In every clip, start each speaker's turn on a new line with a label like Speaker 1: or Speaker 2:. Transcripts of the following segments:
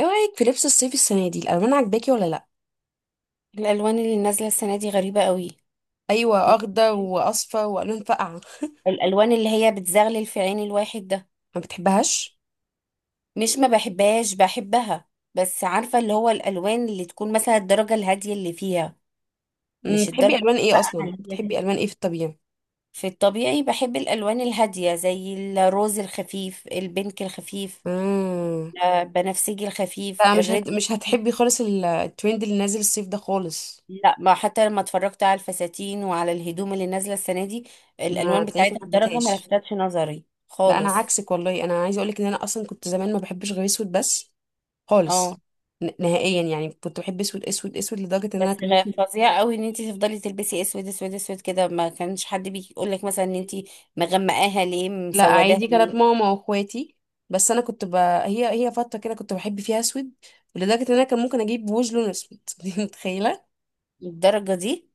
Speaker 1: ايه رأيك في لبس الصيف السنة دي؟ الألوان عجباكي ولا لأ؟
Speaker 2: الالوان اللي نازله السنه دي غريبه قوي.
Speaker 1: أيوة،
Speaker 2: يعني
Speaker 1: أخضر وأصفر وألوان فاقعة.
Speaker 2: الالوان اللي هي بتزغلل في عين الواحد ده.
Speaker 1: ما بتحبهاش؟
Speaker 2: مش ما بحبهاش، بحبها، بس عارفه اللي هو الالوان اللي تكون مثلا الدرجه الهاديه اللي فيها.
Speaker 1: مم،
Speaker 2: مش
Speaker 1: بتحبي
Speaker 2: الدرجه
Speaker 1: ألوان ايه
Speaker 2: بقى
Speaker 1: أصلا؟
Speaker 2: اللي هي
Speaker 1: بتحبي
Speaker 2: دي.
Speaker 1: ألوان ايه في الطبيعة؟
Speaker 2: في الطبيعي بحب الالوان الهاديه زي الروز الخفيف، البنك الخفيف،
Speaker 1: مم.
Speaker 2: بنفسجي الخفيف،
Speaker 1: لا،
Speaker 2: الريد.
Speaker 1: مش هتحبي خالص الترند اللي نازل الصيف ده خالص.
Speaker 2: لا، ما حتى لما اتفرجت على الفساتين وعلى الهدوم اللي نازله السنه دي،
Speaker 1: ما
Speaker 2: الالوان
Speaker 1: تلاقيكي
Speaker 2: بتاعتها
Speaker 1: ما
Speaker 2: الدرجه ما
Speaker 1: حبتهاش.
Speaker 2: لفتتش نظري
Speaker 1: لا، أنا
Speaker 2: خالص.
Speaker 1: عكسك والله، أنا عايزة أقولك إن أنا أصلا كنت زمان ما بحبش غير أسود بس،
Speaker 2: اه،
Speaker 1: خالص. نهائيا يعني، كنت بحب أسود أسود أسود لدرجة إن أنا
Speaker 2: بس
Speaker 1: كان ممكن.
Speaker 2: فظيع قوي ان انت تفضلي تلبسي اسود اسود اسود كده. ما كانش حد بيجي يقول لك مثلا ان انت مغمقاها ليه،
Speaker 1: لا،
Speaker 2: مسوداها
Speaker 1: عادي، كانت
Speaker 2: ليه،
Speaker 1: ماما واخواتي. بس انا كنت هي فتره كده كنت بحب فيها اسود، لدرجه ان انا كان ممكن اجيب وش لون اسود، دي متخيله؟
Speaker 2: للدرجه دي؟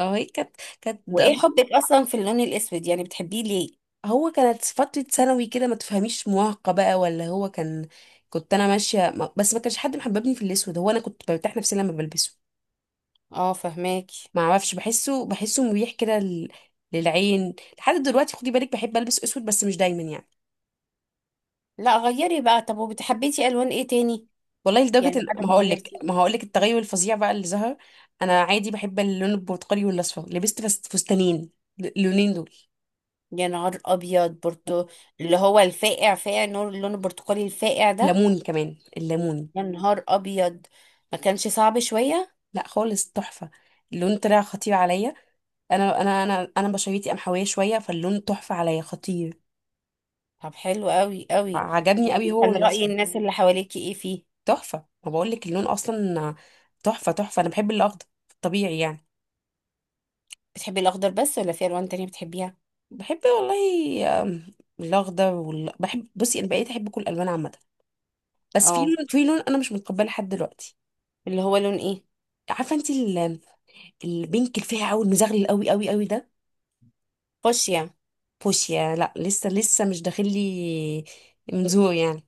Speaker 1: اه، هي كانت
Speaker 2: وايه حبك اصلا في اللون الاسود؟ يعني بتحبيه ليه؟
Speaker 1: هو كانت فتره ثانوي كده، ما تفهميش، مراهقه بقى ولا هو كان. كنت انا ماشيه بس ما كانش حد محببني في الاسود، هو انا كنت برتاح نفسي لما بلبسه.
Speaker 2: اه، فهماكي.
Speaker 1: ما اعرفش، بحسه مريح كده للعين. لحد دلوقتي خدي بالك، بحب البس اسود بس مش دايما يعني.
Speaker 2: لا غيري بقى، طب وبتحبيتي الوان ايه تاني؟
Speaker 1: والله
Speaker 2: يعني
Speaker 1: لدرجة ان
Speaker 2: بعد
Speaker 1: ما
Speaker 2: ما
Speaker 1: هقولك،
Speaker 2: غيرتي.
Speaker 1: التغير الفظيع بقى اللي ظهر. انا عادي بحب اللون البرتقالي والاصفر، لبست بس فستانين اللونين دول.
Speaker 2: يا نهار ابيض برتو! اللي هو الفاقع فاقع نور، اللون البرتقالي الفاقع ده.
Speaker 1: ليموني كمان، الليموني.
Speaker 2: يا نهار ابيض! ما كانش صعب شويه؟
Speaker 1: لا خالص، تحفة، اللون طلع خطير عليا. انا بشرتي قمحوية شوية، فاللون تحفة عليا، خطير.
Speaker 2: طب حلو قوي قوي.
Speaker 1: عجبني
Speaker 2: طب
Speaker 1: قوي هو
Speaker 2: كان رأي
Speaker 1: الاصفر.
Speaker 2: الناس اللي حواليكي ايه فيه؟
Speaker 1: تحفة، ما بقولك اللون اصلا تحفة تحفة. انا بحب الاخضر، طبيعي يعني.
Speaker 2: بتحبي الاخضر بس ولا في الوان تانية بتحبيها؟
Speaker 1: بحب والله، الاخضر بحب، بصي، انا بقيت احب كل الالوان عامة، بس في
Speaker 2: اه،
Speaker 1: لون، في لون، انا مش متقبله لحد دلوقتي.
Speaker 2: اللي هو لون ايه؟
Speaker 1: عارفه انت البينك الفاقع قوي المزغلل قوي قوي قوي ده.
Speaker 2: فوشيا.
Speaker 1: فوشيا، لا لسه لسه مش داخل لي من ذوق يعني،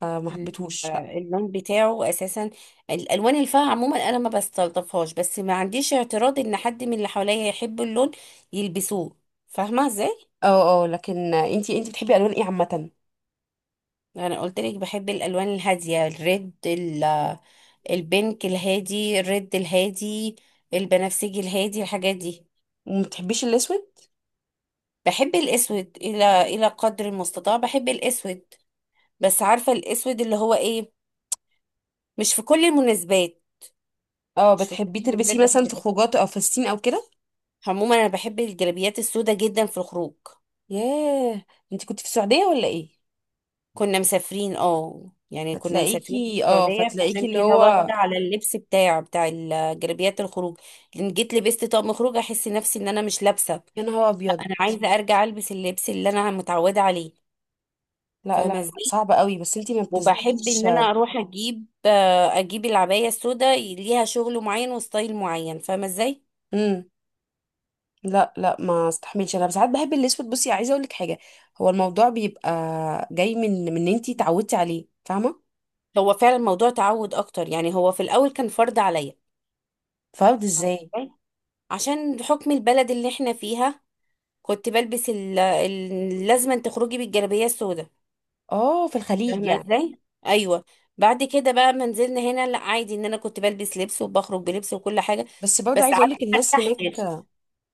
Speaker 1: فما
Speaker 2: ال-
Speaker 1: حبيتهوش، لا.
Speaker 2: اللون بتاعه اساسا، الالوان الفاقعه عموما انا ما بستلطفهاش، بس ما عنديش اعتراض ان حد من اللي حواليا يحب اللون يلبسوه، فاهمه ازاي؟
Speaker 1: اه اه، لكن انت بتحبي الوان ايه عامه؟
Speaker 2: انا قلت لك بحب الالوان الهاديه، الريد، البينك الهادي، الريد الهادي، البنفسجي الهادي، الحاجات دي.
Speaker 1: وما بتحبيش الاسود؟
Speaker 2: بحب الاسود الى قدر المستطاع بحب الاسود، بس عارفه الاسود اللي هو ايه، مش في كل المناسبات.
Speaker 1: اه،
Speaker 2: مش في كل
Speaker 1: بتحبيه
Speaker 2: المناسبات
Speaker 1: تلبسيه مثلا
Speaker 2: بحب
Speaker 1: في
Speaker 2: العسل.
Speaker 1: خروجات او فساتين او كده؟
Speaker 2: عموما انا بحب الجلابيات السوداء جدا في الخروج.
Speaker 1: ياه، انت كنت في السعوديه ولا ايه؟
Speaker 2: كنا مسافرين، اه يعني كنا مسافرين في
Speaker 1: فتلاقيكي اه،
Speaker 2: السعودية،
Speaker 1: فتلاقيكي
Speaker 2: عشان
Speaker 1: اللي
Speaker 2: كده
Speaker 1: هو،
Speaker 2: واخدة على اللبس بتاع الجلابيات الخروج. لان جيت لبست طقم خروج، احس نفسي ان انا مش لابسة.
Speaker 1: يا نهار ابيض،
Speaker 2: انا عايزة ارجع البس اللبس اللي انا متعودة عليه،
Speaker 1: لا لا لا،
Speaker 2: فاهمة ازاي؟
Speaker 1: صعب قوي. بس انت ما
Speaker 2: وبحب
Speaker 1: بتزهقيش؟
Speaker 2: ان انا اروح اجيب، اجيب العباية السوداء، ليها شغل معين وستايل معين، فاهمة ازاي؟
Speaker 1: امم، لا لا ما استحملش. انا ساعات بحب الاسود، بصي عايزه اقول لك حاجه، هو الموضوع بيبقى جاي من ان انتي اتعودتي عليه، فاهمه؟
Speaker 2: هو فعلا موضوع تعود اكتر، يعني هو في الاول كان فرض عليا.
Speaker 1: فرد
Speaker 2: فاهمة
Speaker 1: ازاي؟
Speaker 2: إزاي؟ عشان حكم البلد اللي احنا فيها. كنت بلبس لازما تخرجي بالجلابية السوداء،
Speaker 1: اه، في الخليج
Speaker 2: فاهمة
Speaker 1: يعني.
Speaker 2: ازاي؟ ايوه. بعد كده بقى ما نزلنا هنا، لا عادي، ان انا كنت بلبس لبس وبخرج بلبس وكل حاجة.
Speaker 1: بس برضه
Speaker 2: بس
Speaker 1: عايزه اقول
Speaker 2: عارفة
Speaker 1: لك،
Speaker 2: ما
Speaker 1: الناس
Speaker 2: ارتحتش.
Speaker 1: هناك،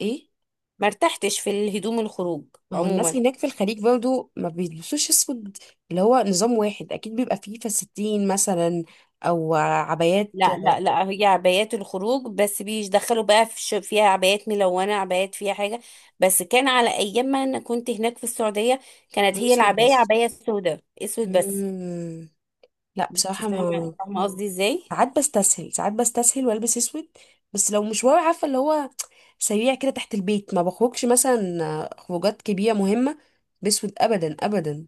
Speaker 1: ايه،
Speaker 2: ما ارتحتش في الهدوم الخروج
Speaker 1: ما هو الناس
Speaker 2: عموما.
Speaker 1: هناك في الخليج برضه ما بيلبسوش اسود، اللي هو نظام واحد، اكيد بيبقى فيه فساتين مثلا او عبايات.
Speaker 2: لا لا لا، هي عبايات الخروج بس بيدخلوا بقى في فيها عبايات ملونة، عبايات فيها حاجة. بس كان على ايام ما انا كنت هناك في السعودية، كانت هي
Speaker 1: اسود
Speaker 2: العباية
Speaker 1: بس.
Speaker 2: عباية سوداء، اسود بس.
Speaker 1: مم. لا
Speaker 2: انت
Speaker 1: بصراحه
Speaker 2: فاهمه،
Speaker 1: ما،
Speaker 2: فاهمه قصدي ازاي.
Speaker 1: ساعات بستسهل، ساعات بستسهل، والبس اسود، بس لو مشوار، عارفه اللي هو، سريع كده تحت البيت، ما بخرجش مثلا خروجات كبيرة مهمة بسود أبدا أبدا.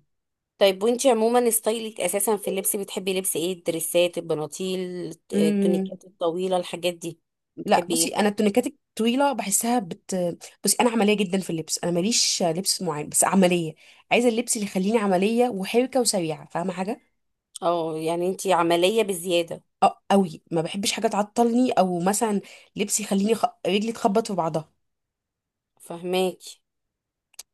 Speaker 2: طيب، وانت عموما ستايلك اساسا في اللبس بتحبي لبس ايه؟ الدريسات، البناطيل،
Speaker 1: مم.
Speaker 2: التونيكات الطويله، الحاجات دي؟
Speaker 1: لا
Speaker 2: بتحبي
Speaker 1: بصي،
Speaker 2: ايه؟
Speaker 1: أنا التونيكات الطويلة بحسها بت، بصي أنا عملية جدا في اللبس، أنا ماليش لبس معين بس عملية، عايزة اللبس اللي يخليني عملية وحركة وسريعة، فاهمة حاجة؟
Speaker 2: اه يعني انت عمليه بزياده.
Speaker 1: أه أوي، ما بحبش حاجة تعطلني، أو مثلا لبس يخليني رجلي تخبط في بعضها،
Speaker 2: فهماكي.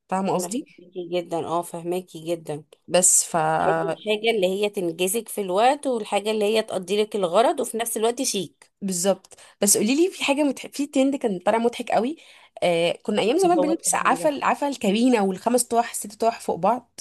Speaker 1: فاهمة
Speaker 2: انا
Speaker 1: قصدي؟
Speaker 2: فهماكي جدا، اه فهماكي جدا.
Speaker 1: بس ف،
Speaker 2: تحبي الحاجه اللي هي تنجزك في الوقت، والحاجه اللي هي تقضي لك الغرض، وفي نفس الوقت شيك.
Speaker 1: بالظبط. بس قولي لي، في حاجه في ترند كان طالع مضحك قوي، آه، كنا ايام
Speaker 2: ايه
Speaker 1: زمان
Speaker 2: هو
Speaker 1: بنلبس
Speaker 2: الترند
Speaker 1: عفا
Speaker 2: ده؟
Speaker 1: عفا الكابينه والخمس طواح الست طواح فوق بعض.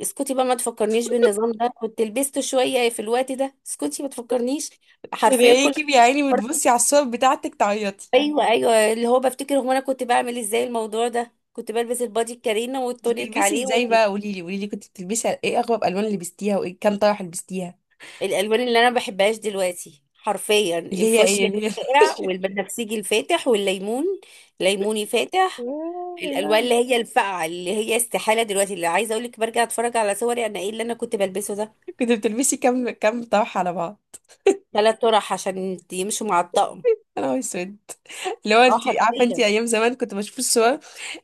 Speaker 2: اسكتي بقى، ما تفكرنيش بالنظام ده. كنت لبست شويه في الوقت ده، اسكتي ما تفكرنيش. حرفيا كل.
Speaker 1: تلاقيكي يا عيني بتبصي على الصور بتاعتك تعيطي.
Speaker 2: ايوه ايوه، اللي هو بفتكر هو انا كنت بعمل ازاي الموضوع ده. كنت بلبس البادي الكارينا
Speaker 1: كنت
Speaker 2: والتونيك
Speaker 1: بتلبسي
Speaker 2: عليه.
Speaker 1: ازاي بقى، قولي لي، كنت بتلبسي ايه، اغرب الوان اللي لبستيها، وايه كام طرح لبستيها؟
Speaker 2: والالوان اللي انا ما بحبهاش دلوقتي حرفيا
Speaker 1: اللي هي ايه،
Speaker 2: الفوشيا
Speaker 1: اللي هي.
Speaker 2: الفاقع، والبنفسجي الفاتح، والليمون، ليموني فاتح.
Speaker 1: آه، يا
Speaker 2: الالوان
Speaker 1: لهوي.
Speaker 2: اللي هي الفاقعه، اللي هي استحاله دلوقتي اللي عايزه اقول لك، برجع اتفرج على صوري انا ايه اللي انا كنت بلبسه ده.
Speaker 1: كنت بتلبسي كام طرح على بعض؟
Speaker 2: ثلاث طرح عشان يمشوا مع الطقم.
Speaker 1: انا نهار اسود، اللي هو
Speaker 2: اه
Speaker 1: انت عارفه، انت
Speaker 2: حرفيا.
Speaker 1: ايام زمان كنت بشوف الصور،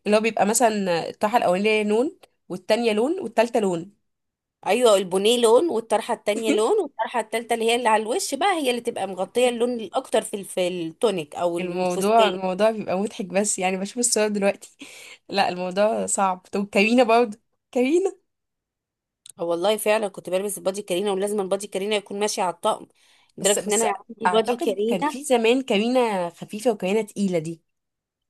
Speaker 1: اللي هو بيبقى مثلا الطرحه الاولانيه لون، والتانيه لون، والتالته لون.
Speaker 2: ايوه، البنيه لون، والطرحه التانية لون، والطرحه التالتة اللي هي اللي على الوش بقى هي اللي تبقى مغطيه اللون الاكتر في في التونيك او
Speaker 1: الموضوع
Speaker 2: الفستان.
Speaker 1: الموضوع بيبقى مضحك بس يعني بشوف الصور دلوقتي. لا الموضوع صعب. طب كارينا برضه، كارينا،
Speaker 2: آه والله فعلا كنت بلبس البادي كارينا، ولازم البادي كارينا يكون ماشي على الطقم،
Speaker 1: بس
Speaker 2: لدرجه ان انا
Speaker 1: بس
Speaker 2: عندي بادي
Speaker 1: اعتقد كان
Speaker 2: كارينا.
Speaker 1: في زمان كارينا خفيفة وكارينا تقيلة دي.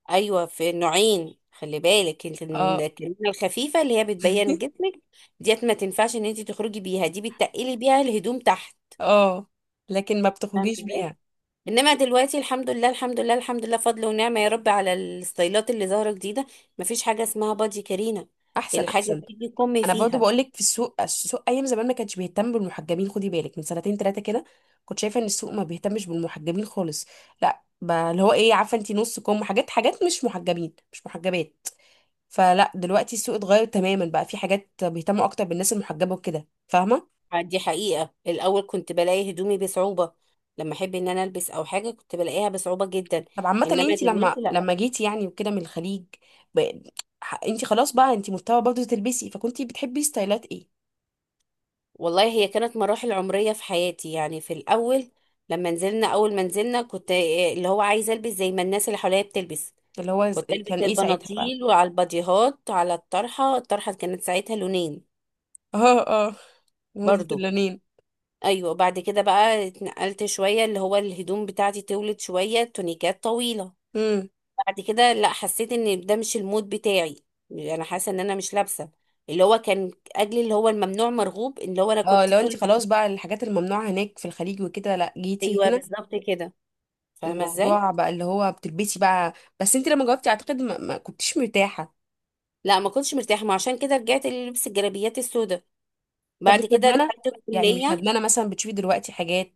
Speaker 2: ايوه في نوعين، خلي بالك انت،
Speaker 1: اه.
Speaker 2: الكارينا الخفيفه اللي هي بتبين جسمك، ديت ما تنفعش ان انت تخرجي بيها، دي بتتقلي بيها الهدوم تحت،
Speaker 1: اه لكن ما
Speaker 2: فاهمه
Speaker 1: بتخرجيش
Speaker 2: ازاي؟
Speaker 1: بيها.
Speaker 2: انما دلوقتي الحمد لله، الحمد لله، الحمد لله، فضل ونعمة يا رب على الستايلات اللي ظاهرة جديدة. مفيش حاجة اسمها بادي كارينا،
Speaker 1: احسن
Speaker 2: الحاجة
Speaker 1: احسن.
Speaker 2: بتيجي كم
Speaker 1: انا برضه
Speaker 2: فيها.
Speaker 1: بقول لك، في السوق، السوق ايام زمان ما كانش بيهتم بالمحجبين، خدي بالك من سنتين ثلاثه كده، كنت شايفه ان السوق ما بيهتمش بالمحجبين خالص، لا ب- اللي هو ايه، عارفه انت، نص كم، حاجات، حاجات مش محجبين مش محجبات. فلا دلوقتي السوق اتغير تماما، بقى في حاجات بيهتموا اكتر بالناس المحجبه وكده، فاهمه؟
Speaker 2: دي حقيقة، الاول كنت بلاقي هدومي بصعوبة، لما احب ان انا البس او حاجة كنت بلاقيها بصعوبة جدا.
Speaker 1: طب عامه
Speaker 2: انما
Speaker 1: انت لما
Speaker 2: دلوقتي لا.
Speaker 1: لما جيتي يعني وكده من الخليج، ب، انت خلاص بقى، انت مضطره برضه تلبسي، فكنتي بتحبي ستايلات ايه؟
Speaker 2: والله هي كانت مراحل عمرية في حياتي. يعني في الاول لما نزلنا، اول ما نزلنا، كنت إيه، اللي هو عايزة البس زي ما الناس اللي حواليا بتلبس.
Speaker 1: اللي هو
Speaker 2: كنت البس
Speaker 1: كان ايه ساعتها بقى؟
Speaker 2: البناطيل وعلى الباديهات وعلى الطرحة. الطرحة كانت ساعتها لونين
Speaker 1: اه اه، موضه
Speaker 2: برضو.
Speaker 1: اللونين.
Speaker 2: ايوه، بعد كده بقى اتنقلت شويه، اللي هو الهدوم بتاعتي طولت شويه، تونيكات طويله.
Speaker 1: امم.
Speaker 2: بعد كده لا، حسيت ان ده مش المود بتاعي، انا حاسه ان انا مش لابسه. اللي هو كان اجلي اللي هو الممنوع مرغوب، اللي هو انا
Speaker 1: اه،
Speaker 2: كنت
Speaker 1: لو انت
Speaker 2: طول.
Speaker 1: خلاص بقى، الحاجات الممنوعه هناك في الخليج وكده، لا جيتي
Speaker 2: ايوه
Speaker 1: هنا.
Speaker 2: بالظبط كده، فاهمه ازاي.
Speaker 1: الموضوع بقى اللي هو بتلبسي بقى. بس انت لما جاوبتي، اعتقد ما كنتيش مرتاحه.
Speaker 2: لا ما كنتش مرتاحه، ما عشان كده رجعت للبس الجلابيات السوداء.
Speaker 1: طب مش
Speaker 2: بعد كده
Speaker 1: ندمانه؟
Speaker 2: دخلت
Speaker 1: يعني مش
Speaker 2: الكليه.
Speaker 1: ندمانه مثلا بتشوفي دلوقتي حاجات،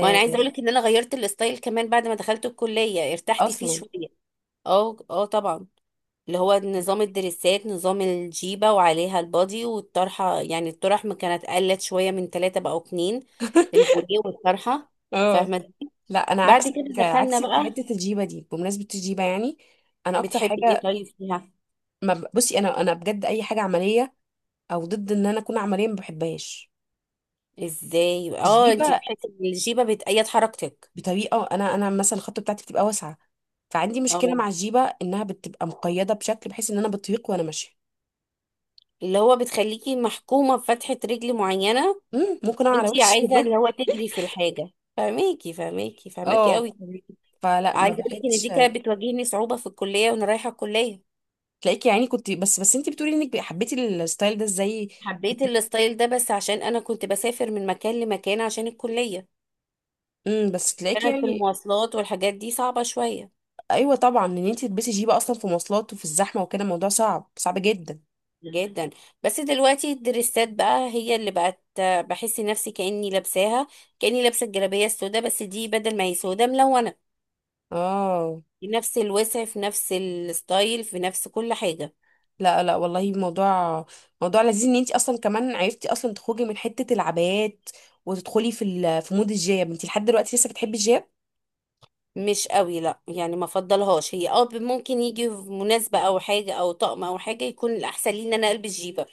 Speaker 2: وانا عايزه اقول لك ان انا غيرت الستايل كمان بعد ما دخلت الكليه، ارتحت فيه
Speaker 1: اصلا؟
Speaker 2: شويه. اه اه طبعا، اللي هو نظام الدريسات، نظام الجيبة وعليها البادي والطرحة، يعني الطرح ما كانت قلت شوية، من ثلاثة بقوا اتنين، البوريه والطرحة،
Speaker 1: اه.
Speaker 2: فاهمة؟
Speaker 1: لا انا
Speaker 2: بعد
Speaker 1: عكسك،
Speaker 2: كده دخلنا
Speaker 1: عكسك، في
Speaker 2: بقى.
Speaker 1: حته الجيبه دي، بمناسبه الجيبه يعني، انا اكتر
Speaker 2: بتحبي ايه
Speaker 1: حاجه،
Speaker 2: طيب فيها؟
Speaker 1: ما ب... بصي انا، انا بجد اي حاجه عمليه او ضد ان انا اكون عمليه ما بحبهاش.
Speaker 2: ازاي؟ اه انتي
Speaker 1: الجيبه
Speaker 2: بتحسي ان الجيبة بتأيد حركتك.
Speaker 1: بطريقه، انا مثلا الخطه بتاعتي بتبقى واسعه، فعندي مشكله
Speaker 2: اه،
Speaker 1: مع الجيبه انها بتبقى مقيده بشكل، بحيث ان انا بطيق وانا ماشيه،
Speaker 2: اللي هو بتخليكي محكومة بفتحة رجل معينة،
Speaker 1: مم، ممكن اقع على
Speaker 2: وانتي
Speaker 1: وشي،
Speaker 2: عايزة
Speaker 1: والله.
Speaker 2: اللي هو تجري في الحاجة. فهماكي، فهماكي، فهماكي
Speaker 1: اه،
Speaker 2: قوي.
Speaker 1: فلا ما
Speaker 2: عايزة اقول لك ان
Speaker 1: بحبش.
Speaker 2: دي كانت بتواجهني صعوبة في الكلية وانا رايحة الكلية.
Speaker 1: تلاقيكي يعني، كنت بس بس انت بتقولي انك حبيتي الستايل ده ازاي؟
Speaker 2: حبيت
Speaker 1: كنت،
Speaker 2: الستايل ده بس عشان انا كنت بسافر من مكان لمكان عشان الكلية.
Speaker 1: امم، بس تلاقيكي
Speaker 2: كانت في
Speaker 1: يعني،
Speaker 2: المواصلات والحاجات دي صعبة شوية.
Speaker 1: ايوه طبعا، ان انت تلبسي جيبه اصلا في مواصلات وفي الزحمه وكده، الموضوع صعب صعب جدا.
Speaker 2: جدا. بس دلوقتي الدريسات بقى هي اللي بقت، بحس نفسي كأني لابساها، كأني لابسة الجلابية السوداء، بس دي بدل ما هي سوداء ملونة.
Speaker 1: اه.
Speaker 2: في نفس الوسع، في نفس الستايل، في نفس كل حاجة.
Speaker 1: لا لا والله، موضوع، موضوع لذيذ ان انت اصلا كمان عرفتي اصلا تخرجي من حته العبايات، وتدخلي في مود الجياب. انت لحد دلوقتي لسه بتحبي الجياب؟
Speaker 2: مش قوي لا، يعني ما فضلهاش هي، اه ممكن يجي في مناسبة او حاجة او طقم او حاجة، يكون الاحسن لي ان انا البس جيبة.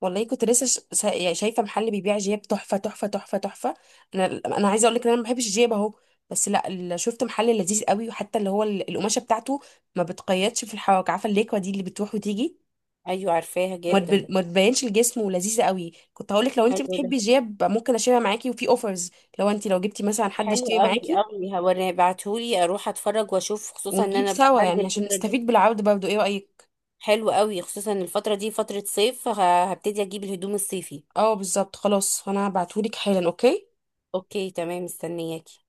Speaker 1: والله كنت لسه يعني شايفه محل بيبيع جياب تحفه تحفه تحفه تحفه، انا عايزه اقول لك ان انا ما بحبش الجياب اهو، بس لا، شفت محل لذيذ قوي، وحتى اللي هو القماشه بتاعته ما بتقيدش في الحواك، عارفه الليكوا دي اللي بتروح وتيجي،
Speaker 2: ايوه عارفاها جدا.
Speaker 1: ما تبينش الجسم ولذيذه قوي. كنت هقولك لو انت
Speaker 2: حلو ده.
Speaker 1: بتحبي جيب، ممكن اشيلها معاكي، وفي اوفرز، لو انت، لو جبتي مثلا حد
Speaker 2: حلو
Speaker 1: يشتري
Speaker 2: قوي
Speaker 1: معاكي
Speaker 2: قوي، هوريه بعتهولي اروح اتفرج واشوف، خصوصا ان
Speaker 1: ونجيب
Speaker 2: انا
Speaker 1: سوا،
Speaker 2: هنزل
Speaker 1: يعني عشان
Speaker 2: الفتره دي.
Speaker 1: نستفيد بالعرض برضه، ايه رايك؟
Speaker 2: حلو قوي، خصوصا الفتره دي فتره صيف، هبتدي اجيب الهدوم الصيفي.
Speaker 1: اه بالظبط. خلاص انا هبعتهولك حالا. اوكي.
Speaker 2: اوكي تمام، مستنياكي.